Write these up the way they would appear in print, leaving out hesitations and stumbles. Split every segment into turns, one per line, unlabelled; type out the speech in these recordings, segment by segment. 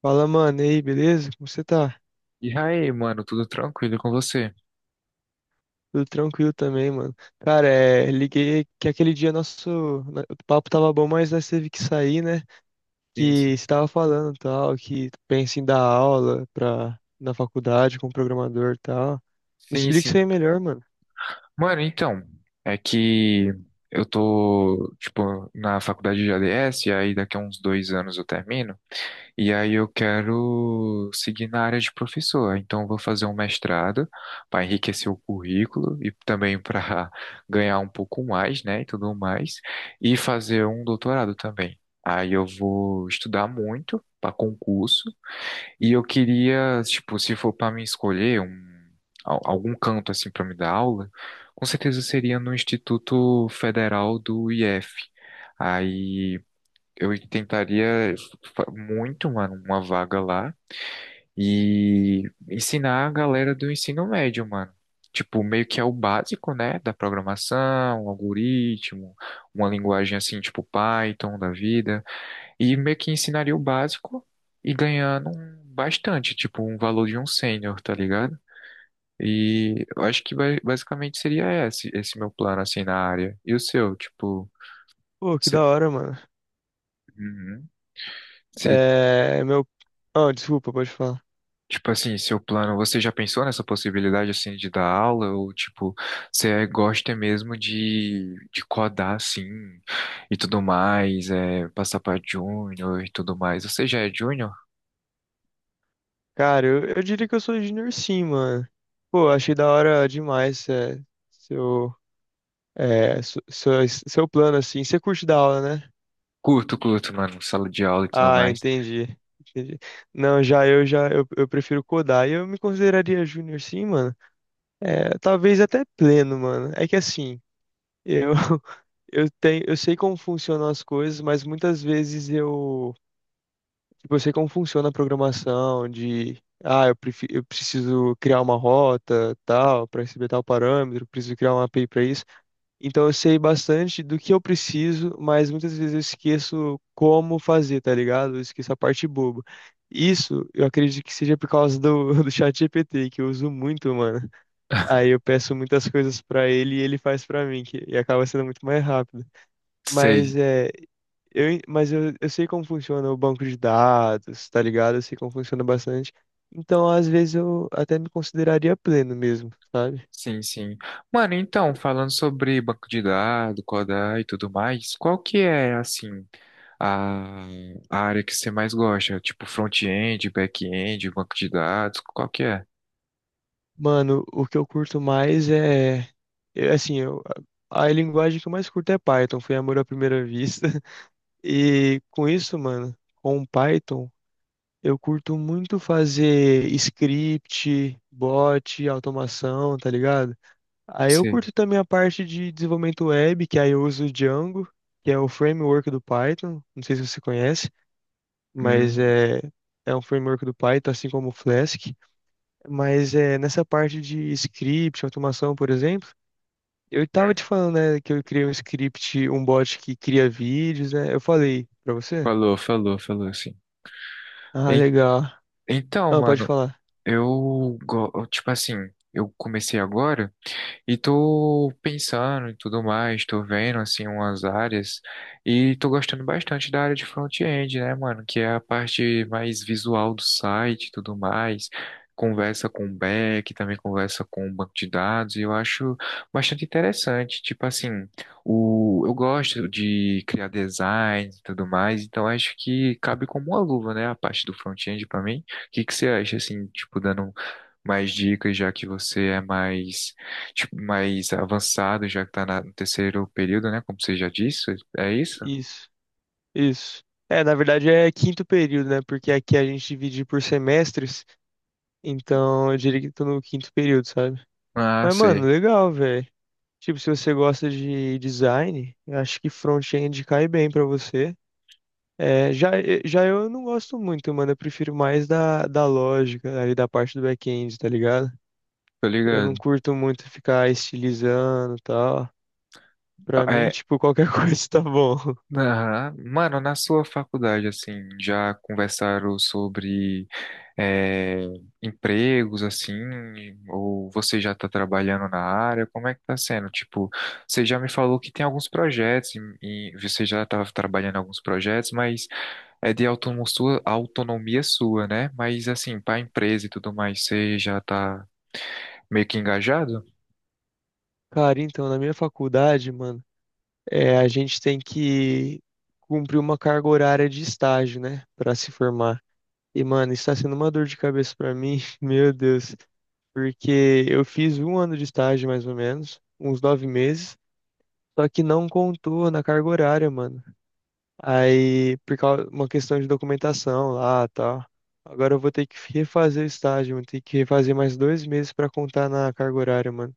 Fala, mano, e aí, beleza? Como você tá?
E aí, mano, tudo tranquilo com você?
Tudo tranquilo também, mano. Cara, liguei que aquele dia nosso o papo tava bom, mas nós teve que sair, né?
Sim, sim.
Que você tava falando tal, que pensa em dar aula pra, na faculdade com programador e tal. Me
Sim,
explica isso
sim.
aí melhor, mano.
Mano, então, é que eu tô, tipo, na faculdade de ADS, e aí daqui a uns dois anos eu termino, e aí eu quero seguir na área de professor. Então, eu vou fazer um mestrado para enriquecer o currículo e também para ganhar um pouco mais, né, e tudo mais, e fazer um doutorado também. Aí eu vou estudar muito para concurso. E eu queria, tipo, se for para me escolher um, algum canto assim para me dar aula, com certeza seria no Instituto Federal do IF. Aí eu tentaria muito, mano, uma vaga lá e ensinar a galera do ensino médio, mano. Tipo, meio que é o básico, né, da programação, um algoritmo, uma linguagem assim, tipo Python da vida. E meio que ensinaria o básico e ganhando bastante, tipo um valor de um sênior, tá ligado? E eu acho que basicamente seria esse, esse meu plano assim na área. E o seu, tipo,
Pô, que
você,
da hora, mano.
Uhum. Você-
É, meu. Ah, desculpa, pode falar.
tipo assim, seu plano, você já pensou nessa possibilidade assim de dar aula ou tipo, você gosta mesmo de codar assim e tudo mais, é, passar pra júnior e tudo mais. Você já é júnior?
Cara, eu diria que eu sou junior sim, mano. Pô, achei da hora demais, seu, seu plano, assim. Você curte dar aula, né?
Curto, curto, mano, sala de aula e tudo
Ah,
mais.
entendi. Entendi. Não, eu prefiro codar. E eu me consideraria júnior sim, mano. É, talvez até pleno, mano. É que assim, eu eu sei como funcionam as coisas, mas muitas vezes eu sei como funciona a programação de eu preciso criar uma rota, tal, para receber tal parâmetro, preciso criar uma API para isso. Então eu sei bastante do que eu preciso, mas muitas vezes eu esqueço como fazer, tá ligado? Eu esqueço a parte boba. Isso eu acredito que seja por causa do ChatGPT, que eu uso muito, mano. Aí eu peço muitas coisas pra ele e ele faz pra mim, e acaba sendo muito mais rápido. Mas
Sei.
é, eu sei como funciona o banco de dados, tá ligado? Eu sei como funciona bastante. Então, às vezes, eu até me consideraria pleno mesmo, sabe?
Sim, sim. Mano, então, falando sobre banco de dados, codar e tudo mais, qual que é, assim, a, a área que você mais gosta? Tipo, front-end, back-end, banco de dados, qual que é?
Mano, o que eu curto mais é. Eu- Assim, eu, a linguagem que eu mais curto é Python, foi amor à primeira vista. E com isso, mano, com Python, eu curto muito fazer script, bot, automação, tá ligado? Aí eu
Você...
curto também a parte de desenvolvimento web, que aí eu uso o Django, que é o framework do Python. Não sei se você conhece, mas
Hum,
é um framework do Python, assim como o Flask. Mas é, nessa parte de script, automação, por exemplo, eu estava
hum.
te falando, né, que eu criei um script, um bot que cria vídeos, né? Eu falei pra você?
Falou, falou, falou, sim.
Ah,
En-
legal.
Então,
Ah, pode
mano,
falar.
eu, tipo assim, eu comecei agora, e tô pensando e tudo mais, tô vendo assim umas áreas e tô gostando bastante da área de front-end, né, mano? Que é a parte mais visual do site e tudo mais. Conversa com o back, também conversa com o banco de dados, e eu acho bastante interessante. Tipo assim, o, eu gosto de criar design e tudo mais, então acho que cabe como uma luva, né, a parte do front-end pra mim. O que que você acha, assim, tipo, dando mais dicas, já que você é mais tipo, mais avançado, já que tá no terceiro período, né? Como você já disse, é isso?
Isso, isso. É, na verdade é quinto período, né? Porque aqui a gente divide por semestres, então eu diria que tô no quinto período, sabe?
Ah,
Mas, mano,
sei,
legal, velho. Tipo, se você gosta de design, eu acho que front-end cai bem pra você. É, já, já eu não gosto muito, mano. Eu prefiro mais da lógica ali da parte do back-end, tá ligado?
tô
Eu não
ligado.
curto muito ficar estilizando e tal. Pra mim,
É,
tipo, qualquer coisa tá bom.
aham. Mano, na sua faculdade, assim, já conversaram sobre é, empregos, assim, ou você já tá trabalhando na área? Como é que tá sendo? Tipo, você já me falou que tem alguns projetos e você já tava trabalhando em alguns projetos, mas é de autonomia sua, né? Mas assim, para a empresa e tudo mais, você já tá meio que engajado?
Cara, então, na minha faculdade, mano, é, a gente tem que cumprir uma carga horária de estágio, né? Pra se formar. E, mano, isso tá sendo uma dor de cabeça pra mim, meu Deus. Porque eu fiz um ano de estágio, mais ou menos, uns 9 meses. Só que não contou na carga horária, mano. Aí, por causa uma questão de documentação lá, tal. Agora eu vou ter que refazer o estágio, vou ter que refazer mais 2 meses pra contar na carga horária, mano.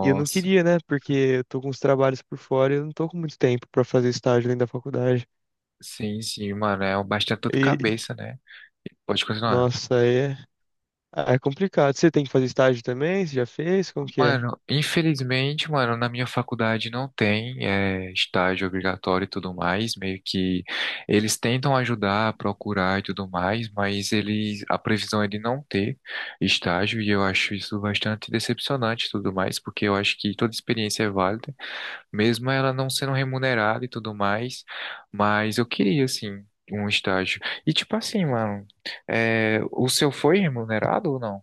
E eu não queria, né? Porque eu tô com os trabalhos por fora e eu não tô com muito tempo pra fazer estágio além da faculdade.
sim, sim, mano, é bastante dor de
E,
cabeça, né? Pode continuar.
nossa, aí é complicado. Você tem que fazer estágio também? Você já fez? Como que é?
Mano, infelizmente, mano, na minha faculdade não tem é, estágio obrigatório e tudo mais. Meio que eles tentam ajudar, procurar e tudo mais, mas eles, a previsão é de não ter estágio e eu acho isso bastante decepcionante e tudo mais, porque eu acho que toda experiência é válida, mesmo ela não sendo remunerada e tudo mais, mas eu queria, assim, um estágio. E, tipo assim, mano, é, o seu foi remunerado ou não?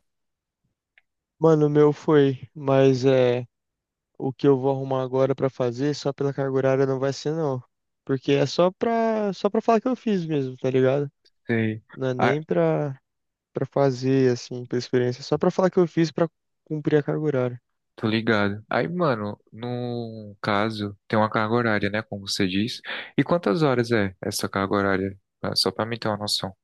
Mano, o meu foi, mas é o que eu vou arrumar agora pra fazer só pela carga horária não vai ser não, porque é só para falar que eu fiz mesmo, tá ligado?
Sei.
Não é
Ah,
nem pra fazer, assim, pra experiência. Só pra falar que eu fiz pra cumprir a carga horária.
tô ligado. Aí, mano, no caso, tem uma carga horária, né, como você diz. E quantas horas é essa carga horária? Ah, só pra mim ter uma noção.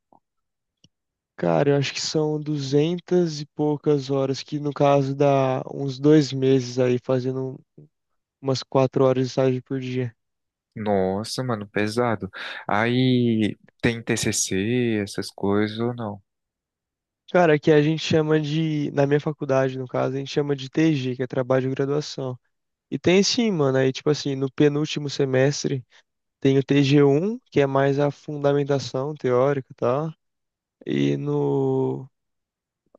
Cara, eu acho que são duzentas e poucas horas, que no caso dá uns 2 meses aí, fazendo umas 4 horas de estágio por dia.
Nossa, mano, pesado. Aí, tem TCC, essas coisas ou não?
Cara, que a gente chama de, na minha faculdade, no caso, a gente chama de TG, que é trabalho de graduação. E tem sim, mano, aí tipo assim, no penúltimo semestre tem o TG 1, que é mais a fundamentação teórica, tá. E no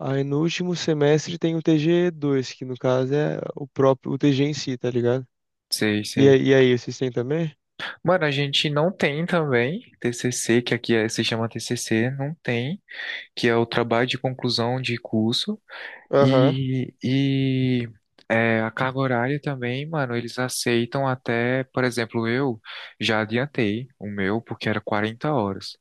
Aí no último semestre tem o TG 2, que no caso é o próprio, o TG em si, tá ligado?
Sei, sei.
E aí, vocês têm também?
Mano, a gente não tem também TCC, que aqui se chama TCC, não tem, que é o trabalho de conclusão de curso.
Aham.
E é, a carga horária também, mano, eles aceitam até, por exemplo, eu já adiantei o meu, porque era 40 horas.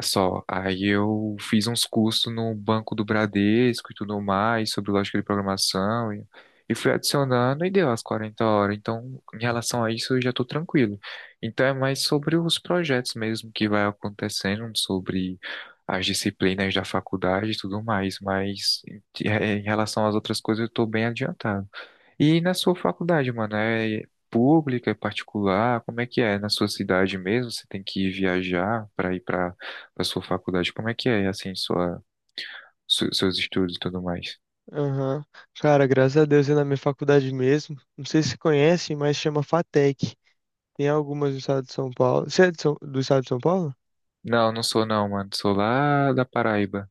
Só. Aí eu fiz uns cursos no banco do Bradesco e tudo mais, sobre lógica de programação, e fui adicionando e deu as 40 horas. Então, em relação a isso, eu já estou tranquilo. Então, é mais sobre os projetos mesmo que vai acontecendo, sobre as disciplinas da faculdade e tudo mais, mas em, é, em relação às outras coisas, eu estou bem adiantado. E na sua faculdade, mano, é pública, é particular? Como é que é? Na sua cidade mesmo, você tem que viajar para ir para a sua faculdade? Como é que é, assim, sua, seus estudos e tudo mais?
Aham. Cara, graças a Deus é na minha faculdade mesmo. Não sei se conhecem, mas chama FATEC. Tem algumas do estado de São Paulo. Você é do estado de São Paulo?
Não, não sou não, mano. Sou lá da Paraíba.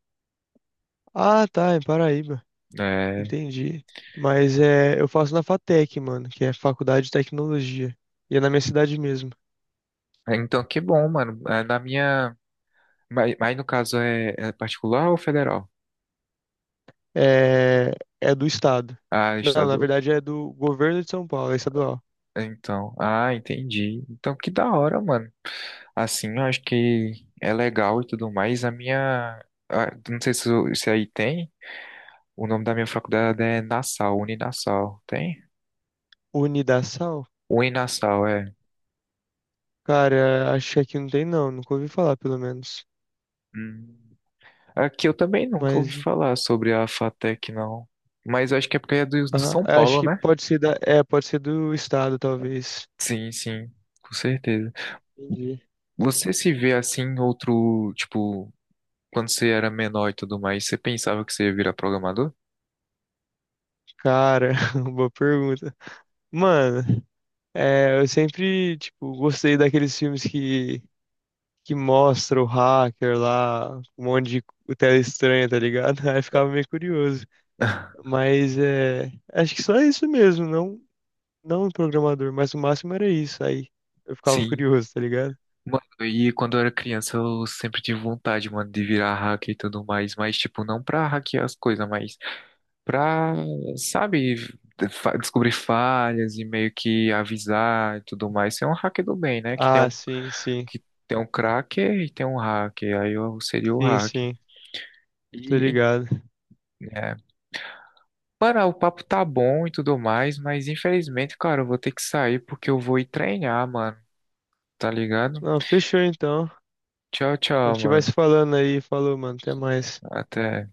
Ah, tá, em Paraíba.
É...
Entendi. Mas é, eu faço na FATEC, mano, que é Faculdade de Tecnologia. E é na minha cidade mesmo.
é, então, que bom, mano. É, na minha... mas no caso é, é particular ou federal?
É, é do estado.
Ah,
Não, na
estadual.
verdade é do governo de São Paulo, é estadual.
Então, ah, entendi. Então, que da hora, mano. Assim, eu acho que é legal e tudo mais. A minha. Não sei se, se aí tem. O nome da minha faculdade é Nassau, Uninassau. Tem?
Unidassal?
Uninassau, é.
Cara, acho que aqui não tem não, nunca ouvi falar pelo menos.
Hum. Aqui eu também nunca ouvi
Mas,
falar sobre a FATEC, não. Mas eu acho que é porque é do, do
aham,
São
acho
Paulo,
que
né?
pode ser pode ser do estado, talvez.
Sim, sim, com certeza.
Entendi.
Você se vê assim, em outro. Tipo, quando você era menor e tudo mais, você pensava que você ia virar programador?
Cara, boa pergunta. Mano, é, eu sempre, tipo, gostei daqueles filmes que mostra o hacker lá, um monte de tela estranha, tá ligado? Aí eu ficava meio curioso. Mas, é, acho que só isso mesmo, não, não o programador, mas o máximo era isso. Aí eu ficava
Sim.
curioso, tá ligado?
Mano, e quando eu era criança eu sempre tive vontade, mano, de virar hacker e tudo mais, mas tipo, não pra hackear as coisas, mas pra, sabe, descobrir falhas e meio que avisar e tudo mais. Ser um hacker do bem, né?
Ah, sim, sim.
Que tem um cracker e tem um hacker, aí eu seria o
Sim,
hacker.
sim. Tô
E,
ligado.
é. Mano, o papo tá bom e tudo mais, mas infelizmente, cara, eu vou ter que sair porque eu vou ir treinar, mano, tá ligado?
Não, fechou então.
Tchau,
A
tchau,
gente vai
mano.
se falando aí. Falou, mano. Até mais.
Até.